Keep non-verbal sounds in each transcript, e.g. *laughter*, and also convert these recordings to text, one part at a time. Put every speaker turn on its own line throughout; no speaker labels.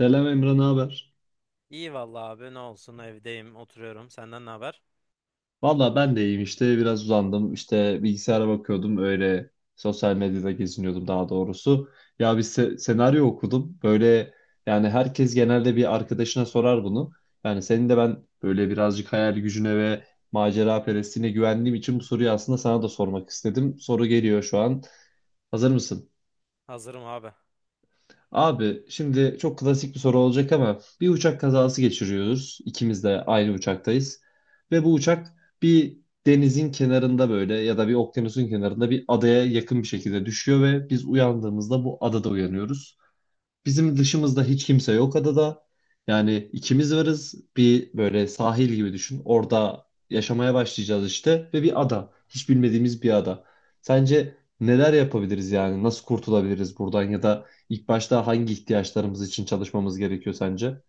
Selam Emre, ne haber?
İyi vallahi abi ne olsun evdeyim oturuyorum. Senden ne haber?
Valla ben de iyiyim işte biraz uzandım işte bilgisayara bakıyordum öyle, sosyal medyada geziniyordum daha doğrusu. Ya bir senaryo okudum böyle, yani herkes genelde bir arkadaşına sorar bunu. Yani senin de ben böyle birazcık hayal gücüne ve macera perestliğine güvendiğim için bu soruyu aslında sana da sormak istedim. Soru geliyor şu an. Hazır mısın?
Hazırım abi.
Abi şimdi çok klasik bir soru olacak ama bir uçak kazası geçiriyoruz. İkimiz de aynı uçaktayız. Ve bu uçak bir denizin kenarında böyle ya da bir okyanusun kenarında bir adaya yakın bir şekilde düşüyor ve biz uyandığımızda bu adada uyanıyoruz. Bizim dışımızda hiç kimse yok adada. Yani ikimiz varız. Bir böyle sahil gibi düşün. Orada yaşamaya başlayacağız işte ve bir ada. Hiç bilmediğimiz bir ada. Sence neler yapabiliriz yani? Nasıl kurtulabiliriz buradan, ya da ilk başta hangi ihtiyaçlarımız için çalışmamız gerekiyor sence?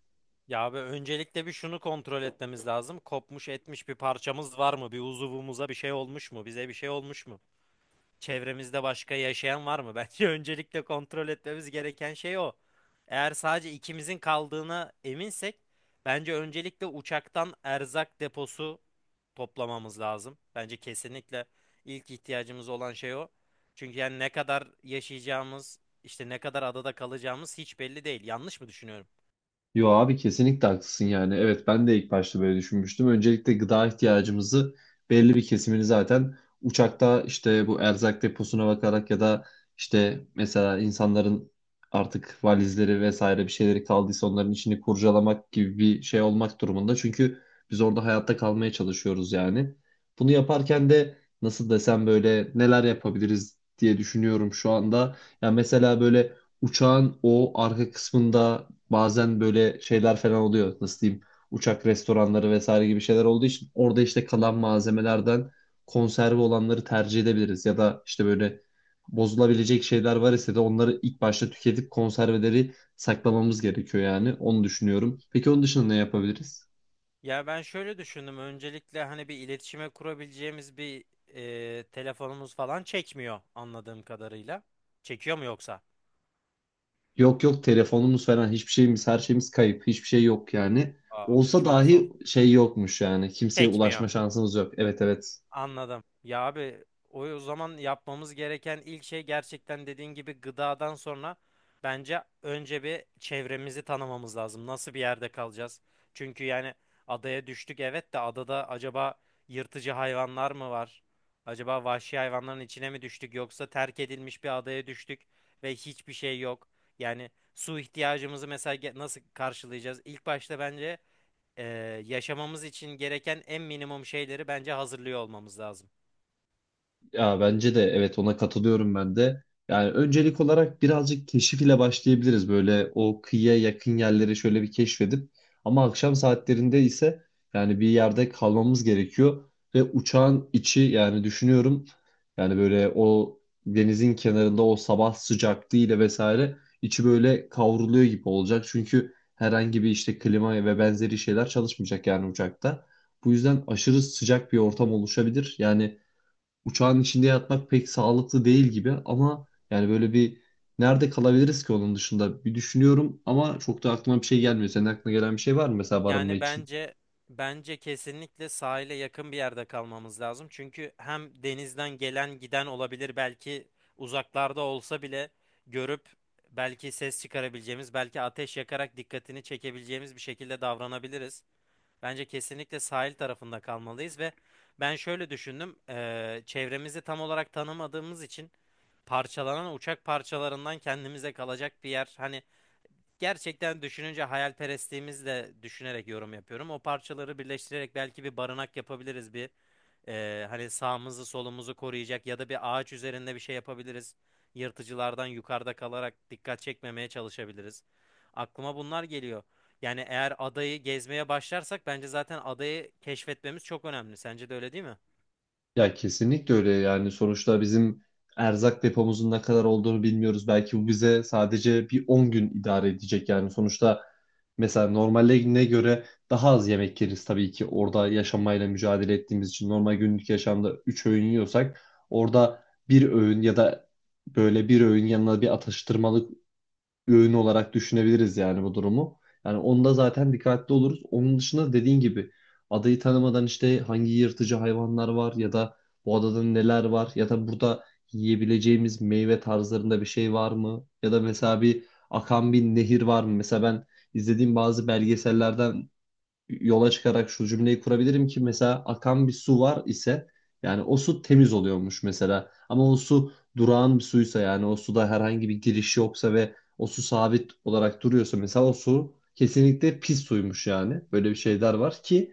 Ya abi öncelikle bir şunu kontrol etmemiz lazım. Kopmuş etmiş bir parçamız var mı? Bir uzuvumuza bir şey olmuş mu? Bize bir şey olmuş mu? Çevremizde başka yaşayan var mı? *laughs* Bence öncelikle kontrol etmemiz gereken şey o. Eğer sadece ikimizin kaldığına eminsek, bence öncelikle uçaktan erzak deposu toplamamız lazım. Bence kesinlikle ilk ihtiyacımız olan şey o. Çünkü yani ne kadar yaşayacağımız, işte ne kadar adada kalacağımız hiç belli değil. Yanlış mı düşünüyorum?
Yo abi, kesinlikle haklısın yani. Evet, ben de ilk başta böyle düşünmüştüm. Öncelikle gıda ihtiyacımızı, belli bir kesimini zaten uçakta işte bu erzak deposuna bakarak, ya da işte mesela insanların artık valizleri vesaire bir şeyleri kaldıysa onların içini kurcalamak gibi bir şey olmak durumunda. Çünkü biz orada hayatta kalmaya çalışıyoruz yani. Bunu yaparken de nasıl desem, böyle neler yapabiliriz diye düşünüyorum şu anda. Ya mesela böyle uçağın o arka kısmında, bazen böyle şeyler falan oluyor. Nasıl diyeyim? Uçak restoranları vesaire gibi şeyler olduğu için orada işte kalan malzemelerden konserve olanları tercih edebiliriz. Ya da işte böyle bozulabilecek şeyler var ise de onları ilk başta tüketip konserveleri saklamamız gerekiyor yani. Onu düşünüyorum. Peki onun dışında ne yapabiliriz?
Ya ben şöyle düşündüm. Öncelikle hani bir iletişime kurabileceğimiz bir telefonumuz falan çekmiyor anladığım kadarıyla. Çekiyor mu yoksa?
Yok yok, telefonumuz falan hiçbir şeyimiz, her şeyimiz kayıp. Hiçbir şey yok yani.
Abi
Olsa
çok zor.
dahi şey yokmuş yani. Kimseye
Çekmiyor.
ulaşma şansımız yok. Evet evet.
Anladım. Ya abi o zaman yapmamız gereken ilk şey gerçekten dediğin gibi gıdadan sonra bence önce bir çevremizi tanımamız lazım. Nasıl bir yerde kalacağız? Çünkü yani adaya düştük evet de adada acaba yırtıcı hayvanlar mı var? Acaba vahşi hayvanların içine mi düştük yoksa terk edilmiş bir adaya düştük ve hiçbir şey yok. Yani su ihtiyacımızı mesela nasıl karşılayacağız? İlk başta bence e, yaşamamız için gereken en minimum şeyleri bence hazırlıyor olmamız lazım.
Ya bence de evet, ona katılıyorum ben de. Yani öncelik olarak birazcık keşif ile başlayabiliriz. Böyle o kıyıya yakın yerleri şöyle bir keşfedip, ama akşam saatlerinde ise yani bir yerde kalmamız gerekiyor ve uçağın içi, yani düşünüyorum, yani böyle o denizin kenarında o sabah sıcaklığıyla vesaire içi böyle kavruluyor gibi olacak. Çünkü herhangi bir işte klima ve benzeri şeyler çalışmayacak yani uçakta. Bu yüzden aşırı sıcak bir ortam oluşabilir. Yani uçağın içinde yatmak pek sağlıklı değil gibi, ama yani böyle bir nerede kalabiliriz ki, onun dışında bir düşünüyorum ama çok da aklıma bir şey gelmiyor. Senin aklına gelen bir şey var mı mesela, barınma
Yani
için?
bence kesinlikle sahile yakın bir yerde kalmamız lazım. Çünkü hem denizden gelen giden olabilir belki uzaklarda olsa bile görüp belki ses çıkarabileceğimiz, belki ateş yakarak dikkatini çekebileceğimiz bir şekilde davranabiliriz. Bence kesinlikle sahil tarafında kalmalıyız ve ben şöyle düşündüm. Çevremizi tam olarak tanımadığımız için parçalanan uçak parçalarından kendimize kalacak bir yer. Hani gerçekten düşününce hayalperestliğimizle düşünerek yorum yapıyorum. O parçaları birleştirerek belki bir barınak yapabiliriz bir. Hani sağımızı solumuzu koruyacak ya da bir ağaç üzerinde bir şey yapabiliriz. Yırtıcılardan yukarıda kalarak dikkat çekmemeye çalışabiliriz. Aklıma bunlar geliyor. Yani eğer adayı gezmeye başlarsak bence zaten adayı keşfetmemiz çok önemli. Sence de öyle değil mi?
Ya kesinlikle öyle, yani sonuçta bizim erzak depomuzun ne kadar olduğunu bilmiyoruz. Belki bu bize sadece bir 10 gün idare edecek, yani sonuçta mesela normaline göre daha az yemek yeriz tabii ki, orada yaşamayla mücadele ettiğimiz için. Normal günlük yaşamda 3 öğün yiyorsak orada bir öğün, ya da böyle bir öğün yanına bir atıştırmalık, bir öğün olarak düşünebiliriz yani bu durumu. Yani onda zaten dikkatli oluruz. Onun dışında, dediğin gibi, adayı tanımadan işte hangi yırtıcı hayvanlar var, ya da bu adada neler var, ya da burada yiyebileceğimiz meyve tarzlarında bir şey var mı? Ya da mesela bir akan bir nehir var mı? Mesela ben izlediğim bazı belgesellerden yola çıkarak şu cümleyi kurabilirim ki, mesela akan bir su var ise yani o su temiz oluyormuş mesela. Ama o su durağan bir suysa, yani o suda herhangi bir giriş yoksa ve o su sabit olarak duruyorsa, mesela o su kesinlikle pis suymuş yani. Böyle bir şeyler var ki,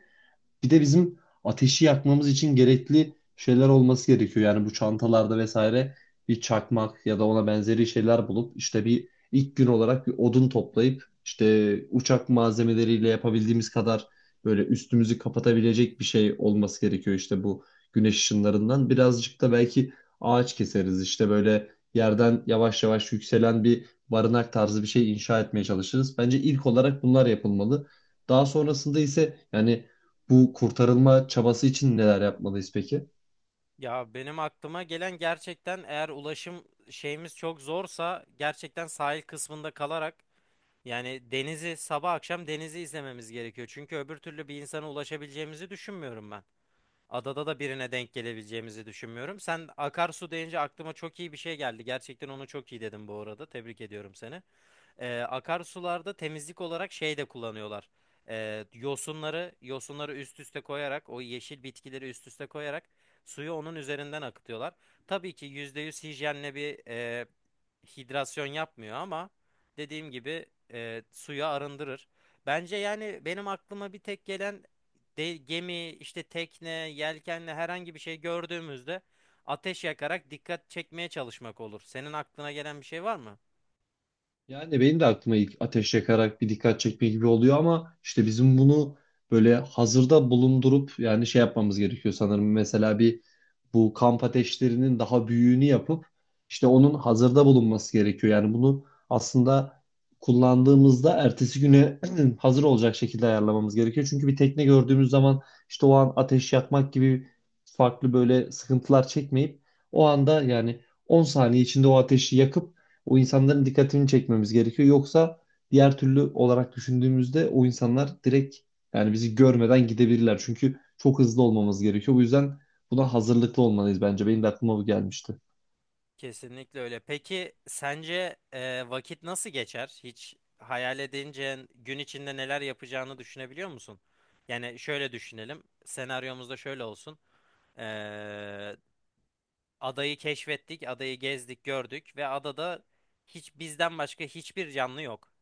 bir de bizim ateşi yakmamız için gerekli şeyler olması gerekiyor. Yani bu çantalarda vesaire bir çakmak ya da ona benzeri şeyler bulup, işte bir ilk gün olarak bir odun toplayıp, işte uçak malzemeleriyle yapabildiğimiz kadar böyle üstümüzü kapatabilecek bir şey olması gerekiyor, işte bu güneş ışınlarından. Birazcık da belki ağaç keseriz, işte böyle yerden yavaş yavaş yükselen bir barınak tarzı bir şey inşa etmeye çalışırız. Bence ilk olarak bunlar yapılmalı. Daha sonrasında ise, yani bu kurtarılma çabası için neler yapmalıyız peki?
Ya benim aklıma gelen gerçekten eğer ulaşım şeyimiz çok zorsa gerçekten sahil kısmında kalarak yani denizi sabah akşam denizi izlememiz gerekiyor. Çünkü öbür türlü bir insana ulaşabileceğimizi düşünmüyorum ben. Adada da birine denk gelebileceğimizi düşünmüyorum. Sen akarsu deyince aklıma çok iyi bir şey geldi. Gerçekten onu çok iyi dedim bu arada. Tebrik ediyorum seni. Akarsularda temizlik olarak şey de kullanıyorlar. Yosunları üst üste koyarak o yeşil bitkileri üst üste koyarak suyu onun üzerinden akıtıyorlar. Tabii ki %100 hijyenle bir hidrasyon yapmıyor ama dediğim gibi suyu arındırır. Bence yani benim aklıma bir tek gelen de, gemi, işte tekne, yelkenle herhangi bir şey gördüğümüzde ateş yakarak dikkat çekmeye çalışmak olur. Senin aklına gelen bir şey var mı?
Yani benim de aklıma ilk ateş yakarak bir dikkat çekme gibi oluyor, ama işte bizim bunu böyle hazırda bulundurup yani şey yapmamız gerekiyor sanırım. Mesela bir, bu kamp ateşlerinin daha büyüğünü yapıp işte onun hazırda bulunması gerekiyor. Yani bunu aslında kullandığımızda ertesi güne *clears throat* hazır olacak şekilde ayarlamamız gerekiyor. Çünkü bir tekne gördüğümüz zaman işte o an ateş yakmak gibi farklı böyle sıkıntılar çekmeyip, o anda yani 10 saniye içinde o ateşi yakıp o insanların dikkatini çekmemiz gerekiyor. Yoksa diğer türlü olarak düşündüğümüzde o insanlar direkt, yani bizi görmeden gidebilirler. Çünkü çok hızlı olmamız gerekiyor. Bu yüzden buna hazırlıklı olmalıyız bence. Benim de aklıma bu gelmişti.
Kesinlikle öyle. Peki sence vakit nasıl geçer? Hiç hayal edince gün içinde neler yapacağını düşünebiliyor musun? Yani şöyle düşünelim. Senaryomuzda şöyle olsun. E, Adayı keşfettik, adayı gezdik, gördük ve adada hiç bizden başka hiçbir canlı yok.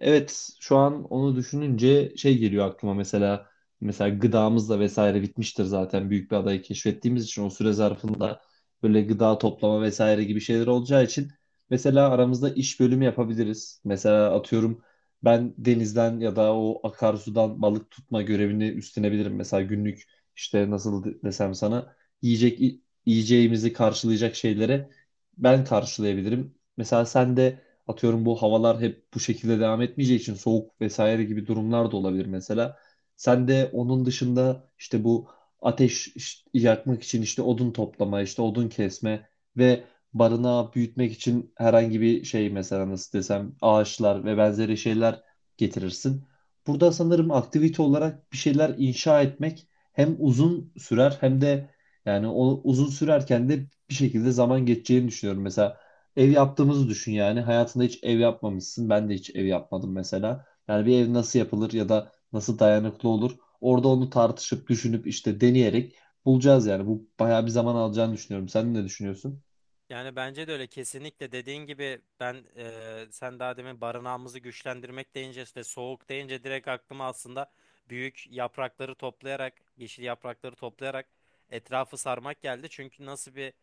Evet, şu an onu düşününce şey geliyor aklıma, mesela gıdamız da vesaire bitmiştir zaten, büyük bir adayı keşfettiğimiz için o süre zarfında böyle gıda toplama vesaire gibi şeyler olacağı için, mesela aramızda iş bölümü yapabiliriz. Mesela atıyorum, ben denizden ya da o akarsudan balık tutma görevini üstlenebilirim. Mesela günlük işte nasıl desem sana, yiyecek yiyeceğimizi karşılayacak şeylere ben karşılayabilirim. Mesela sen de, atıyorum, bu havalar hep bu şekilde devam etmeyeceği için soğuk vesaire gibi durumlar da olabilir mesela. Sen de onun dışında işte bu ateş yakmak için işte odun toplama, işte odun kesme ve barınağı büyütmek için herhangi bir şey, mesela nasıl desem, ağaçlar ve benzeri şeyler getirirsin. Burada sanırım aktivite olarak bir şeyler inşa etmek hem uzun sürer, hem de yani o uzun sürerken de bir şekilde zaman geçeceğini düşünüyorum. Mesela ev yaptığımızı düşün yani. Hayatında hiç ev yapmamışsın. Ben de hiç ev yapmadım mesela. Yani bir ev nasıl yapılır, ya da nasıl dayanıklı olur? Orada onu tartışıp, düşünüp, işte deneyerek bulacağız yani. Bu bayağı bir zaman alacağını düşünüyorum. Sen ne düşünüyorsun?
Yani bence de öyle kesinlikle dediğin gibi ben sen daha demin barınağımızı güçlendirmek deyince işte soğuk deyince direkt aklıma aslında büyük yaprakları toplayarak yeşil yaprakları toplayarak etrafı sarmak geldi. Çünkü nasıl bir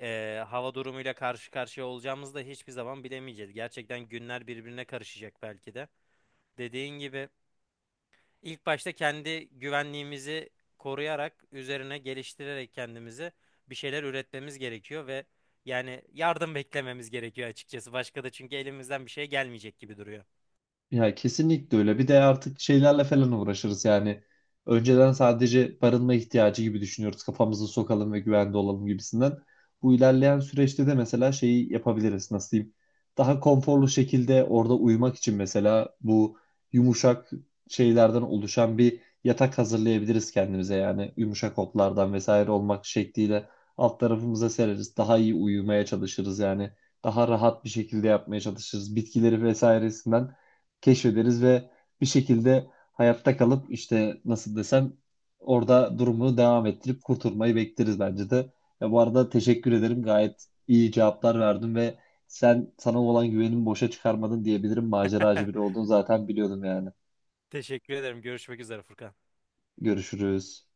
hava durumuyla karşı karşıya olacağımızı da hiçbir zaman bilemeyeceğiz. Gerçekten günler birbirine karışacak belki de. Dediğin gibi İlk başta kendi güvenliğimizi koruyarak, üzerine geliştirerek kendimizi bir şeyler üretmemiz gerekiyor ve yani yardım beklememiz gerekiyor açıkçası. Başka da çünkü elimizden bir şey gelmeyecek gibi duruyor.
Ya kesinlikle öyle. Bir de artık şeylerle falan uğraşırız yani. Önceden sadece barınma ihtiyacı gibi düşünüyoruz. Kafamızı sokalım ve güvende olalım gibisinden. Bu ilerleyen süreçte de mesela şeyi yapabiliriz. Nasıl diyeyim? Daha konforlu şekilde orada uyumak için mesela bu yumuşak şeylerden oluşan bir yatak hazırlayabiliriz kendimize yani. Yumuşak otlardan vesaire olmak şekliyle alt tarafımıza sereriz. Daha iyi uyumaya çalışırız yani. Daha rahat bir şekilde yapmaya çalışırız. Bitkileri vesairesinden keşfederiz ve bir şekilde hayatta kalıp, işte nasıl desem, orada durumunu devam ettirip kurtulmayı bekleriz bence de. Ya bu arada teşekkür ederim. Gayet iyi cevaplar verdin ve sen, sana olan güvenimi boşa çıkarmadın diyebilirim. Maceracı biri
*laughs*
olduğunu zaten biliyordum yani.
Teşekkür ederim. Görüşmek üzere Furkan.
Görüşürüz.